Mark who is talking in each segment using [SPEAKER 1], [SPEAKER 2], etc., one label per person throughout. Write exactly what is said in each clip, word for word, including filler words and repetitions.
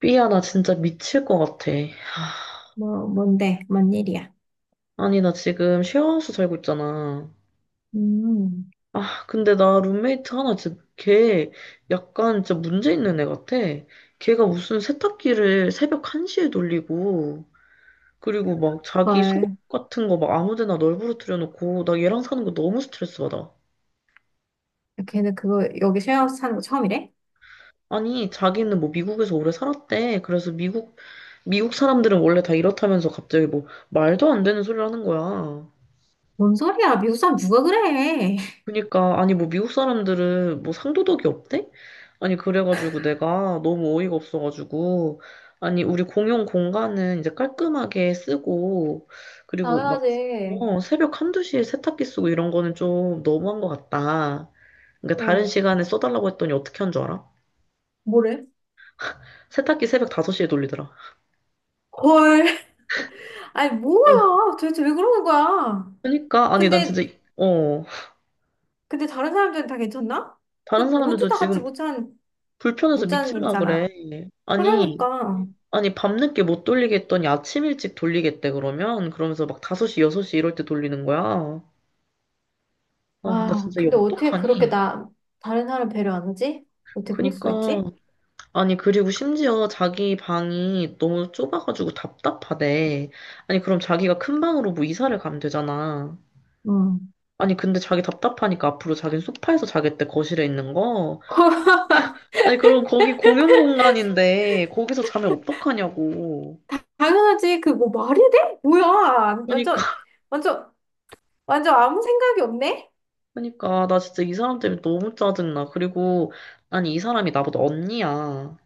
[SPEAKER 1] 삐야, 나 진짜 미칠 것 같아.
[SPEAKER 2] 뭐, 뭔데? 뭔 일이야?
[SPEAKER 1] 아니, 나 지금 쉐어하우스 살고 있잖아.
[SPEAKER 2] 음.
[SPEAKER 1] 아, 근데 나 룸메이트 하나 진짜 걔 약간 진짜 문제 있는 애 같아. 걔가 무슨 세탁기를 새벽 한 시에 돌리고, 그리고 막 자기 속옷
[SPEAKER 2] 헐.
[SPEAKER 1] 같은 거 막 아무 데나 널브러뜨려 놓고, 나 얘랑 사는 거 너무 스트레스 받아.
[SPEAKER 2] 걔는 그거, 여기 쉐어하우스 사는 거 처음이래?
[SPEAKER 1] 아니, 자기는 뭐 미국에서 오래 살았대. 그래서 미국, 미국 사람들은 원래 다 이렇다면서 갑자기 뭐 말도 안 되는 소리를 하는 거야.
[SPEAKER 2] 뭔 소리야? 미국 사람 누가 그래?
[SPEAKER 1] 그니까 아니 뭐 미국 사람들은 뭐 상도덕이 없대? 아니 그래가지고 내가 너무 어이가 없어가지고 아니 우리 공용 공간은 이제 깔끔하게 쓰고 그리고 막
[SPEAKER 2] 당연하지.
[SPEAKER 1] 어, 새벽 한두 시에 세탁기 쓰고 이런 거는 좀 너무한 것 같다. 그러니까 다른
[SPEAKER 2] 어,
[SPEAKER 1] 시간에 써달라고 했더니 어떻게 한 줄 알아?
[SPEAKER 2] 뭐래?
[SPEAKER 1] 세탁기 새벽 다섯 시에 돌리더라.
[SPEAKER 2] 헐. 아니,
[SPEAKER 1] 어,
[SPEAKER 2] 뭐야? 도대체 왜 그러는 거야?
[SPEAKER 1] 그러니까 아니 난 진짜
[SPEAKER 2] 근데,
[SPEAKER 1] 어
[SPEAKER 2] 근데 다른 사람들은 다 괜찮나? 그
[SPEAKER 1] 다른
[SPEAKER 2] 모두
[SPEAKER 1] 사람들도
[SPEAKER 2] 다 같이
[SPEAKER 1] 지금
[SPEAKER 2] 못 자는,
[SPEAKER 1] 불편해서
[SPEAKER 2] 못 자는
[SPEAKER 1] 미칠라 그래.
[SPEAKER 2] 일이잖아.
[SPEAKER 1] 아니
[SPEAKER 2] 그러니까.
[SPEAKER 1] 아니, 밤늦게 못 돌리겠더니 아침 일찍 돌리겠대, 그러면? 그러면서 막 다섯 시 여섯 시 이럴 때 돌리는 거야. 아, 나
[SPEAKER 2] 아,
[SPEAKER 1] 진짜
[SPEAKER 2] 근데
[SPEAKER 1] 이거
[SPEAKER 2] 어떻게
[SPEAKER 1] 어떡하니?
[SPEAKER 2] 그렇게 나, 다른 사람 배려 안 하지? 어떻게 그럴 수가
[SPEAKER 1] 그니까.
[SPEAKER 2] 있지?
[SPEAKER 1] 아니, 그리고 심지어 자기 방이 너무 좁아가지고 답답하대. 아니, 그럼 자기가 큰 방으로 뭐 이사를 가면 되잖아.
[SPEAKER 2] 응.
[SPEAKER 1] 아니, 근데 자기 답답하니까 앞으로 자기는 소파에서 자겠대, 거실에 있는 거. 아니, 그럼 거기 공용 공간인데, 거기서 자면 어떡하냐고.
[SPEAKER 2] 당연하지. 그 뭐 말이 돼? 뭐야.
[SPEAKER 1] 그니까
[SPEAKER 2] 완전, 완전, 완전 아무 생각이 없네?
[SPEAKER 1] 그러니까 나 진짜 이 사람 때문에 너무 짜증나. 그리고 아니 이 사람이 나보다 언니야.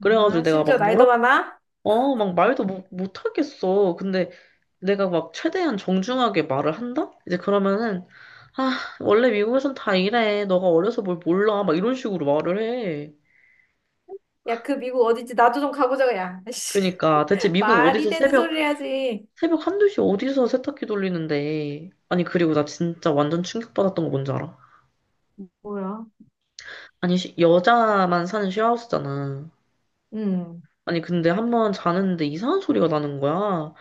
[SPEAKER 1] 그래가지고
[SPEAKER 2] 아,
[SPEAKER 1] 내가
[SPEAKER 2] 심지어
[SPEAKER 1] 막
[SPEAKER 2] 나이도
[SPEAKER 1] 뭐라
[SPEAKER 2] 많아?
[SPEAKER 1] 어 막 말도 못, 못 하겠어. 근데 내가 막 최대한 정중하게 말을 한다? 이제 그러면은 아 원래 미국에선 다 이래. 너가 어려서 뭘 몰라. 막 이런 식으로 말을 해.
[SPEAKER 2] 야, 그 미국 어디지? 나도 좀 가보자고, 야. 씨,
[SPEAKER 1] 그러니까 대체 미국
[SPEAKER 2] 말이
[SPEAKER 1] 어디서
[SPEAKER 2] 되는
[SPEAKER 1] 새벽
[SPEAKER 2] 소리 해야지.
[SPEAKER 1] 새벽 한두 시 어디서 세탁기 돌리는데 아니 그리고 나 진짜 완전 충격받았던 거 뭔지 알아?
[SPEAKER 2] 뭐야?
[SPEAKER 1] 아니 시- 여자만 사는 쉐어하우스잖아.
[SPEAKER 2] 음,
[SPEAKER 1] 아니, 근데 한 번 자는데 이상한 소리가 나는 거야.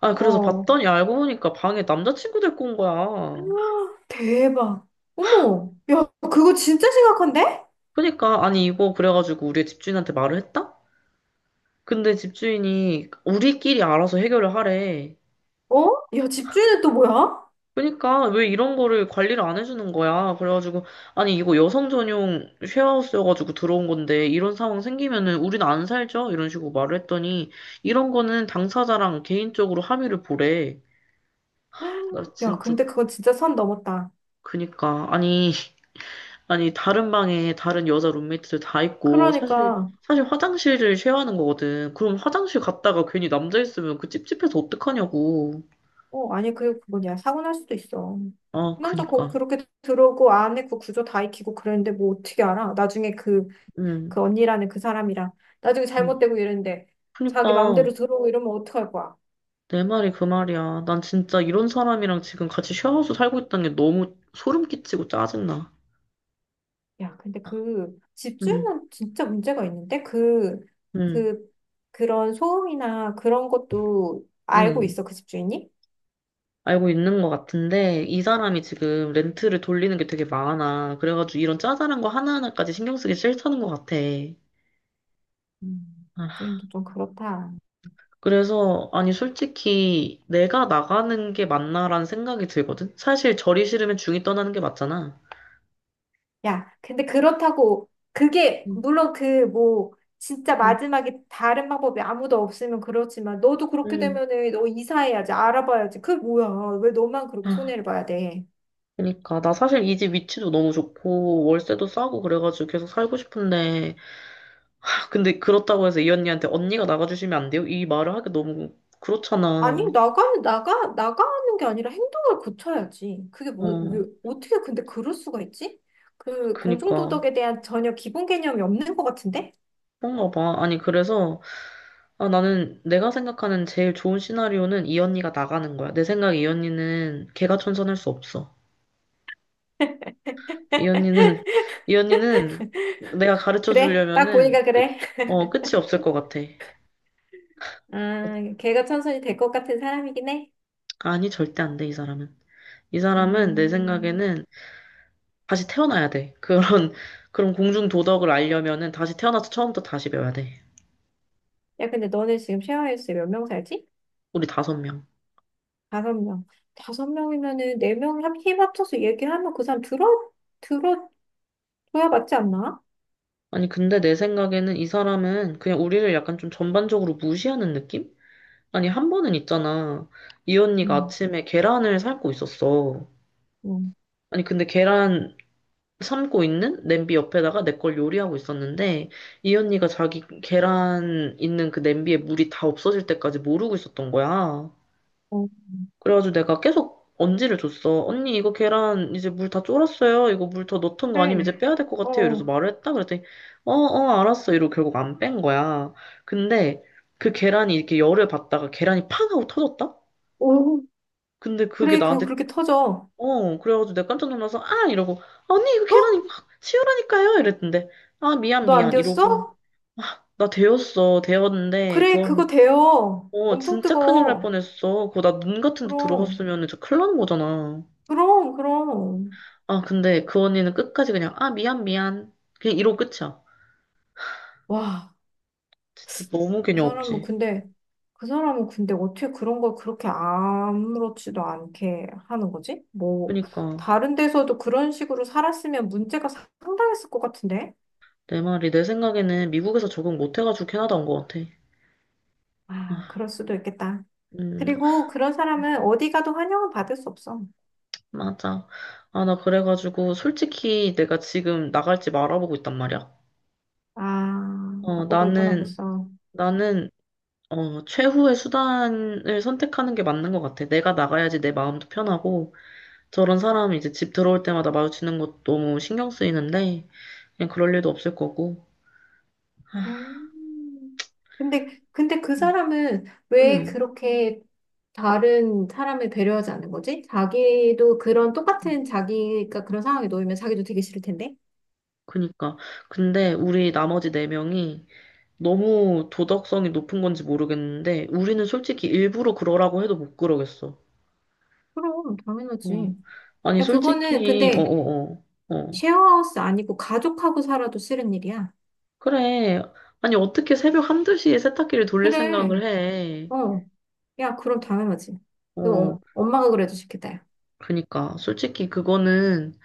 [SPEAKER 1] 아, 그래서
[SPEAKER 2] 어.
[SPEAKER 1] 봤더니 알고 보니까 방에 남자친구 데리고 온 거야.
[SPEAKER 2] 대박. 어머, 야, 그거 진짜 심각한데?
[SPEAKER 1] 그러니까, 아니, 이거 그래가지고 우리 집주인한테 말을 했다? 근데 집주인이 우리끼리 알아서 해결을 하래.
[SPEAKER 2] 어? 야, 집주인은 또 뭐야?
[SPEAKER 1] 그러니까, 왜 이런 거를 관리를 안 해주는 거야. 그래가지고, 아니, 이거 여성 전용 쉐어하우스여가지고 들어온 건데, 이런 상황 생기면은 우리는 안 살죠? 이런 식으로 말을 했더니, 이런 거는 당사자랑 개인적으로 합의를 보래. 나
[SPEAKER 2] 야,
[SPEAKER 1] 진짜,
[SPEAKER 2] 근데 그건 진짜 선 넘었다.
[SPEAKER 1] 그니까, 아니. 아니, 다른 방에 다른 여자 룸메이트들 다 있고, 사실,
[SPEAKER 2] 그러니까.
[SPEAKER 1] 사실 화장실을 쉐어하는 거거든. 그럼 화장실 갔다가 괜히 남자 있으면 그 찝찝해서 어떡하냐고.
[SPEAKER 2] 어, 아니, 그리고 그 뭐냐, 사고 날 수도 있어.
[SPEAKER 1] 아,
[SPEAKER 2] 남자 거
[SPEAKER 1] 그니까.
[SPEAKER 2] 그렇게 들어오고 안에 그 구조 다 익히고 그랬는데 뭐 어떻게 알아? 나중에 그,
[SPEAKER 1] 응,
[SPEAKER 2] 그 언니라는 그 사람이랑 나중에
[SPEAKER 1] 응.
[SPEAKER 2] 잘못되고 이랬는데 자기 맘대로
[SPEAKER 1] 그니까,
[SPEAKER 2] 들어오고 이러면 어떡할 거야?
[SPEAKER 1] 내 말이 그 말이야. 난 진짜 이런 사람이랑 지금 같이 쉐어하우스 살고 있다는 게 너무 소름 끼치고 짜증나.
[SPEAKER 2] 야, 근데 그
[SPEAKER 1] 응,
[SPEAKER 2] 집주인은 진짜 문제가 있는데 그,
[SPEAKER 1] 응,
[SPEAKER 2] 그, 그런 소음이나 그런 것도 알고
[SPEAKER 1] 응.
[SPEAKER 2] 있어, 그 집주인이?
[SPEAKER 1] 알고 있는 것 같은데, 이 사람이 지금 렌트를 돌리는 게 되게 많아. 그래가지고 이런 짜잘한 거 하나하나까지 신경 쓰기 싫다는 것 같아.
[SPEAKER 2] 음,
[SPEAKER 1] 아.
[SPEAKER 2] 집주인도 좀 그렇다.
[SPEAKER 1] 그래서, 아니, 솔직히 내가 나가는 게 맞나라는 생각이 들거든? 사실 절이 싫으면 중이 떠나는 게 맞잖아.
[SPEAKER 2] 야, 근데 그렇다고 그게
[SPEAKER 1] 음.
[SPEAKER 2] 물론 그 뭐 진짜
[SPEAKER 1] 음,
[SPEAKER 2] 마지막에 다른 방법이 아무도 없으면 그렇지만 너도 그렇게
[SPEAKER 1] 음.
[SPEAKER 2] 되면은 너 이사해야지 알아봐야지. 그게 뭐야. 왜 너만 그렇게
[SPEAKER 1] 아,
[SPEAKER 2] 손해를 봐야 돼?
[SPEAKER 1] 그러니까. 나 사실 이 집 위치도 너무 좋고, 월세도 싸고 그래가지고 계속 살고 싶은데, 하, 근데 그렇다고 해서 이 언니한테 언니가 나가주시면 안 돼요? 이 말을 하기 너무 그렇잖아.
[SPEAKER 2] 아니 나가 나가 나가는 게 아니라 행동을 고쳐야지. 그게 뭐, 왜,
[SPEAKER 1] 어,
[SPEAKER 2] 어떻게 근데 그럴 수가 있지? 그
[SPEAKER 1] 그니까.
[SPEAKER 2] 공중도덕에 대한 전혀 기본 개념이 없는 것 같은데?
[SPEAKER 1] 그런가 봐. 아니, 그래서, 아, 나는 내가 생각하는 제일 좋은 시나리오는 이 언니가 나가는 거야. 내 생각에 이 언니는 걔가 천선할 수 없어. 이 언니는, 이 언니는 내가 가르쳐
[SPEAKER 2] 그래, 딱
[SPEAKER 1] 주려면은
[SPEAKER 2] 보니까
[SPEAKER 1] 끝,
[SPEAKER 2] 그래.
[SPEAKER 1] 어, 끝이 없을 것 같아.
[SPEAKER 2] 아, 걔가 천선이 될 것 같은 사람이긴 해.
[SPEAKER 1] 아니, 절대 안 돼, 이 사람은. 이
[SPEAKER 2] 아...
[SPEAKER 1] 사람은 내 생각에는 다시 태어나야 돼. 그런, 그런 공중 도덕을 알려면은 다시 태어나서 처음부터 다시 배워야 돼.
[SPEAKER 2] 야, 근데 너네 지금 쉐어하우스 몇 명 살지?
[SPEAKER 1] 우리 다섯 명.
[SPEAKER 2] 다섯 명. 다섯 명이면은 네 명 힘 합쳐서 얘기하면 그 사람 들어, 들어줘야 맞지 않나?
[SPEAKER 1] 아니, 근데 내 생각에는 이 사람은 그냥 우리를 약간 좀 전반적으로 무시하는 느낌? 아니, 한 번은 있잖아. 이 언니가
[SPEAKER 2] 응.
[SPEAKER 1] 아침에 계란을 삶고 있었어.
[SPEAKER 2] 응.
[SPEAKER 1] 아니, 근데 계란 삶고 있는 냄비 옆에다가 내 걸 요리하고 있었는데 이 언니가 자기 계란 있는 그 냄비에 물이 다 없어질 때까지 모르고 있었던 거야.
[SPEAKER 2] 어,
[SPEAKER 1] 그래가지고 내가 계속 언지를 줬어. 언니 이거 계란 이제 물 다 쫄았어요. 이거 물 더 넣던 거 아니면
[SPEAKER 2] 그래.
[SPEAKER 1] 이제 빼야 될 것
[SPEAKER 2] 어,
[SPEAKER 1] 같아요. 이래서
[SPEAKER 2] 어.
[SPEAKER 1] 말을 했다. 그랬더니 어어 알았어. 이러고 결국 안 뺀 거야. 근데 그 계란이 이렇게 열을 받다가 계란이 팡 하고 터졌다?
[SPEAKER 2] 오,
[SPEAKER 1] 근데 그게
[SPEAKER 2] 그래, 그거
[SPEAKER 1] 나한테
[SPEAKER 2] 그렇게 터져.
[SPEAKER 1] 어, 그래가지고 내가 깜짝 놀라서, 아! 이러고, 언니, 이거
[SPEAKER 2] 어?
[SPEAKER 1] 계란 이거 치우라니까요? 이랬는데, 아, 미안,
[SPEAKER 2] 너 안
[SPEAKER 1] 미안. 이러고,
[SPEAKER 2] 되었어?
[SPEAKER 1] 나 데웠어. 데웠는데,
[SPEAKER 2] 그래, 그거
[SPEAKER 1] 그건,
[SPEAKER 2] 돼요.
[SPEAKER 1] 어,
[SPEAKER 2] 엄청
[SPEAKER 1] 진짜 큰일 날
[SPEAKER 2] 뜨거워.
[SPEAKER 1] 뻔했어. 그거 나 눈 같은 데
[SPEAKER 2] 그럼,
[SPEAKER 1] 들어갔으면 진짜 큰일 나는 거잖아.
[SPEAKER 2] 그럼, 그럼.
[SPEAKER 1] 아, 근데 그 언니는 끝까지 그냥, 아, 미안, 미안. 그냥 이러고 끝이야.
[SPEAKER 2] 와.
[SPEAKER 1] 진짜 너무
[SPEAKER 2] 그
[SPEAKER 1] 개념
[SPEAKER 2] 사람은
[SPEAKER 1] 없지.
[SPEAKER 2] 근데 그 사람은 근데 어떻게 그런 걸 그렇게 아무렇지도 않게 하는 거지? 뭐
[SPEAKER 1] 그니까,
[SPEAKER 2] 다른 데서도 그런 식으로 살았으면 문제가 상당했을 것 같은데?
[SPEAKER 1] 내 말이, 내 생각에는 미국에서 적응 못 해가지고 캐나다 온 것 같아.
[SPEAKER 2] 아,
[SPEAKER 1] 아,
[SPEAKER 2] 그럴 수도 있겠다.
[SPEAKER 1] 음,
[SPEAKER 2] 그리고 그런 사람은 어디 가도 환영은 받을 수 없어.
[SPEAKER 1] 맞아. 아, 나 그래가지고, 솔직히 내가 지금 나갈지 말아보고 있단 말이야.
[SPEAKER 2] 아,
[SPEAKER 1] 어,
[SPEAKER 2] 알아보고 있구나
[SPEAKER 1] 나는,
[SPEAKER 2] 벌써.
[SPEAKER 1] 나는, 어, 최후의 수단을 선택하는 게 맞는 것 같아. 내가 나가야지 내 마음도 편하고, 저런 사람이 이제 집 들어올 때마다 마주치는 것도 너무 신경 쓰이는데, 그냥 그럴 일도 없을 거고.
[SPEAKER 2] 음. 근데 근데 그
[SPEAKER 1] 음,
[SPEAKER 2] 사람은 왜
[SPEAKER 1] 음,
[SPEAKER 2] 그렇게 다른 사람을 배려하지 않는 거지? 자기도 그런 똑같은 자기가 그런 상황에 놓이면 자기도 되게 싫을 텐데?
[SPEAKER 1] 그니까. 근데 우리 나머지 네 명이 너무 도덕성이 높은 건지 모르겠는데, 우리는 솔직히 일부러 그러라고 해도 못 그러겠어.
[SPEAKER 2] 그럼,
[SPEAKER 1] 어.
[SPEAKER 2] 당연하지.
[SPEAKER 1] 아니,
[SPEAKER 2] 야, 그거는
[SPEAKER 1] 솔직히,
[SPEAKER 2] 근데
[SPEAKER 1] 어어어. 어, 어, 어.
[SPEAKER 2] 쉐어하우스 아니고 가족하고 살아도 싫은 일이야.
[SPEAKER 1] 그래. 아니, 어떻게 새벽 한두 시에 세탁기를 돌릴
[SPEAKER 2] 그래,
[SPEAKER 1] 생각을 해?
[SPEAKER 2] 어. 야, 그럼 당연하지. 너
[SPEAKER 1] 어,
[SPEAKER 2] 어- 엄마가 그래도 싫겠다, 야.
[SPEAKER 1] 그니까. 솔직히 그거는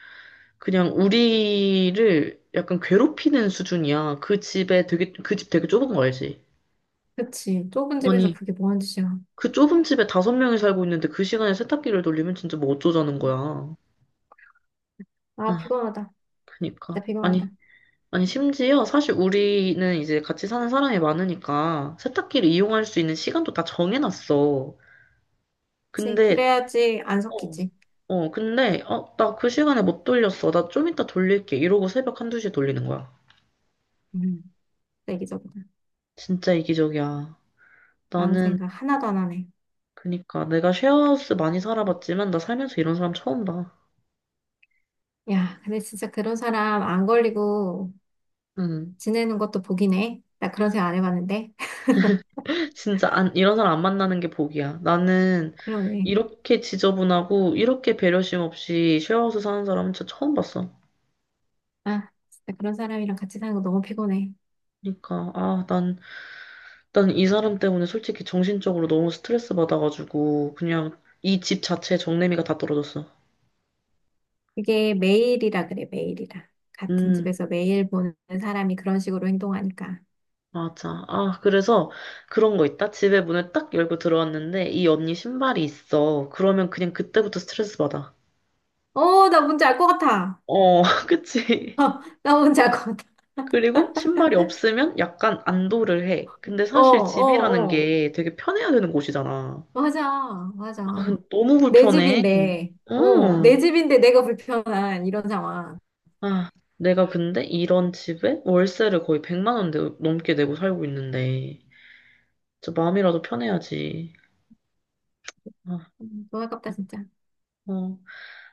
[SPEAKER 1] 그냥 우리를 약간 괴롭히는 수준이야. 그 집에 되게, 그 집 되게 좁은 거 알지?
[SPEAKER 2] 그치. 좁은 집에서
[SPEAKER 1] 아니,
[SPEAKER 2] 그게 뭐 하는 짓이야.
[SPEAKER 1] 그 좁은 집에 다섯 명이 살고 있는데 그 시간에 세탁기를 돌리면 진짜 뭐 어쩌자는 거야.
[SPEAKER 2] 아,
[SPEAKER 1] 아,
[SPEAKER 2] 피곤하다. 나
[SPEAKER 1] 그니까. 아니,
[SPEAKER 2] 피곤하다.
[SPEAKER 1] 아니, 심지어 사실 우리는 이제 같이 사는 사람이 많으니까 세탁기를 이용할 수 있는 시간도 다 정해놨어.
[SPEAKER 2] 그치.
[SPEAKER 1] 근데,
[SPEAKER 2] 그래야지 안
[SPEAKER 1] 어,
[SPEAKER 2] 섞이지.
[SPEAKER 1] 어, 근데, 어, 나 그 시간에 못 돌렸어. 나 좀 이따 돌릴게. 이러고 새벽 한두 시에 돌리는 거야.
[SPEAKER 2] 음, 내 기적이다.
[SPEAKER 1] 진짜 이기적이야.
[SPEAKER 2] 남의
[SPEAKER 1] 나는,
[SPEAKER 2] 생각 하나도 안 하네.
[SPEAKER 1] 그니까, 내가 쉐어하우스 많이 살아봤지만, 나 살면서 이런 사람 처음 봐.
[SPEAKER 2] 야, 근데 진짜 그런 사람 안 걸리고
[SPEAKER 1] 응.
[SPEAKER 2] 지내는 것도 복이네. 나 그런 생각 안 해봤는데.
[SPEAKER 1] 진짜, 안, 이런 사람 안 만나는 게 복이야. 나는,
[SPEAKER 2] 그러네.
[SPEAKER 1] 이렇게 지저분하고, 이렇게 배려심 없이 쉐어하우스 사는 사람은 진짜 처음 봤어.
[SPEAKER 2] 아, 진짜 그런 사람이랑 같이 사는 거 너무 피곤해.
[SPEAKER 1] 그니까, 아, 난, 난 이 사람 때문에 솔직히 정신적으로 너무 스트레스 받아가지고, 그냥, 이 집 자체에 정내미가 다 떨어졌어.
[SPEAKER 2] 이게 매일이라 그래, 매일이라. 같은
[SPEAKER 1] 음.
[SPEAKER 2] 집에서 매일 보는 사람이 그런 식으로 행동하니까.
[SPEAKER 1] 맞아. 아, 그래서 그런 거 있다. 집에 문을 딱 열고 들어왔는데 이 언니 신발이 있어. 그러면 그냥 그때부터 스트레스 받아.
[SPEAKER 2] 어, 나 뭔지 알 것 같아.
[SPEAKER 1] 어, 그치.
[SPEAKER 2] 나 뭔지 알 것 같아.
[SPEAKER 1] 그리고 신발이 없으면 약간 안도를 해. 근데
[SPEAKER 2] 어,
[SPEAKER 1] 사실 집이라는
[SPEAKER 2] 어, 어.
[SPEAKER 1] 게 되게 편해야 되는 곳이잖아.
[SPEAKER 2] 맞아,
[SPEAKER 1] 아,
[SPEAKER 2] 맞아.
[SPEAKER 1] 근데 너무
[SPEAKER 2] 내
[SPEAKER 1] 불편해.
[SPEAKER 2] 집인데, 어, 내
[SPEAKER 1] 어.
[SPEAKER 2] 집인데 내가 불편한 이런 상황.
[SPEAKER 1] 아, 내가 근데 이런 집에 월세를 거의 백만 원 내- 넘게 내고 살고 있는데 진짜 마음이라도 편해야지. 아,
[SPEAKER 2] 음, 너무 아깝다, 진짜.
[SPEAKER 1] 어,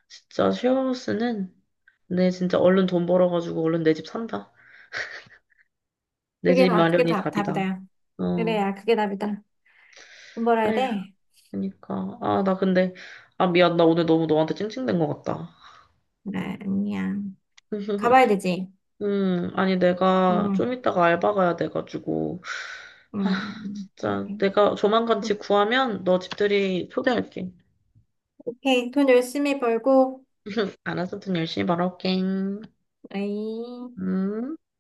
[SPEAKER 1] 진짜 쉐어하우스는 네, 진짜 얼른 돈 벌어가지고 얼른 내 집 산다. 내
[SPEAKER 2] 그게,
[SPEAKER 1] 집
[SPEAKER 2] 막- 그게
[SPEAKER 1] 마련이
[SPEAKER 2] 다, 답이다.
[SPEAKER 1] 답이다.
[SPEAKER 2] 야. 그래,
[SPEAKER 1] 어,
[SPEAKER 2] 야, 그게 답이다. 돈 벌어야
[SPEAKER 1] 에휴,
[SPEAKER 2] 돼.
[SPEAKER 1] 그니까. 아, 나 근데, 아, 미안. 나 오늘 너무 너한테 찡찡댄 것 같다.
[SPEAKER 2] 아니야. 가봐야 되지.
[SPEAKER 1] 음, 아니, 내가
[SPEAKER 2] 응,
[SPEAKER 1] 좀 이따가 알바 가야 돼가지고.
[SPEAKER 2] 응. 음,
[SPEAKER 1] 아,
[SPEAKER 2] 음.
[SPEAKER 1] 진짜,
[SPEAKER 2] 그래.
[SPEAKER 1] 내가 조만간 집 구하면 너 집들이 초대할게.
[SPEAKER 2] 오케이. 돈 열심히 벌고,
[SPEAKER 1] 알았어, 돈 열심히 벌어올게.
[SPEAKER 2] 에이.
[SPEAKER 1] 음.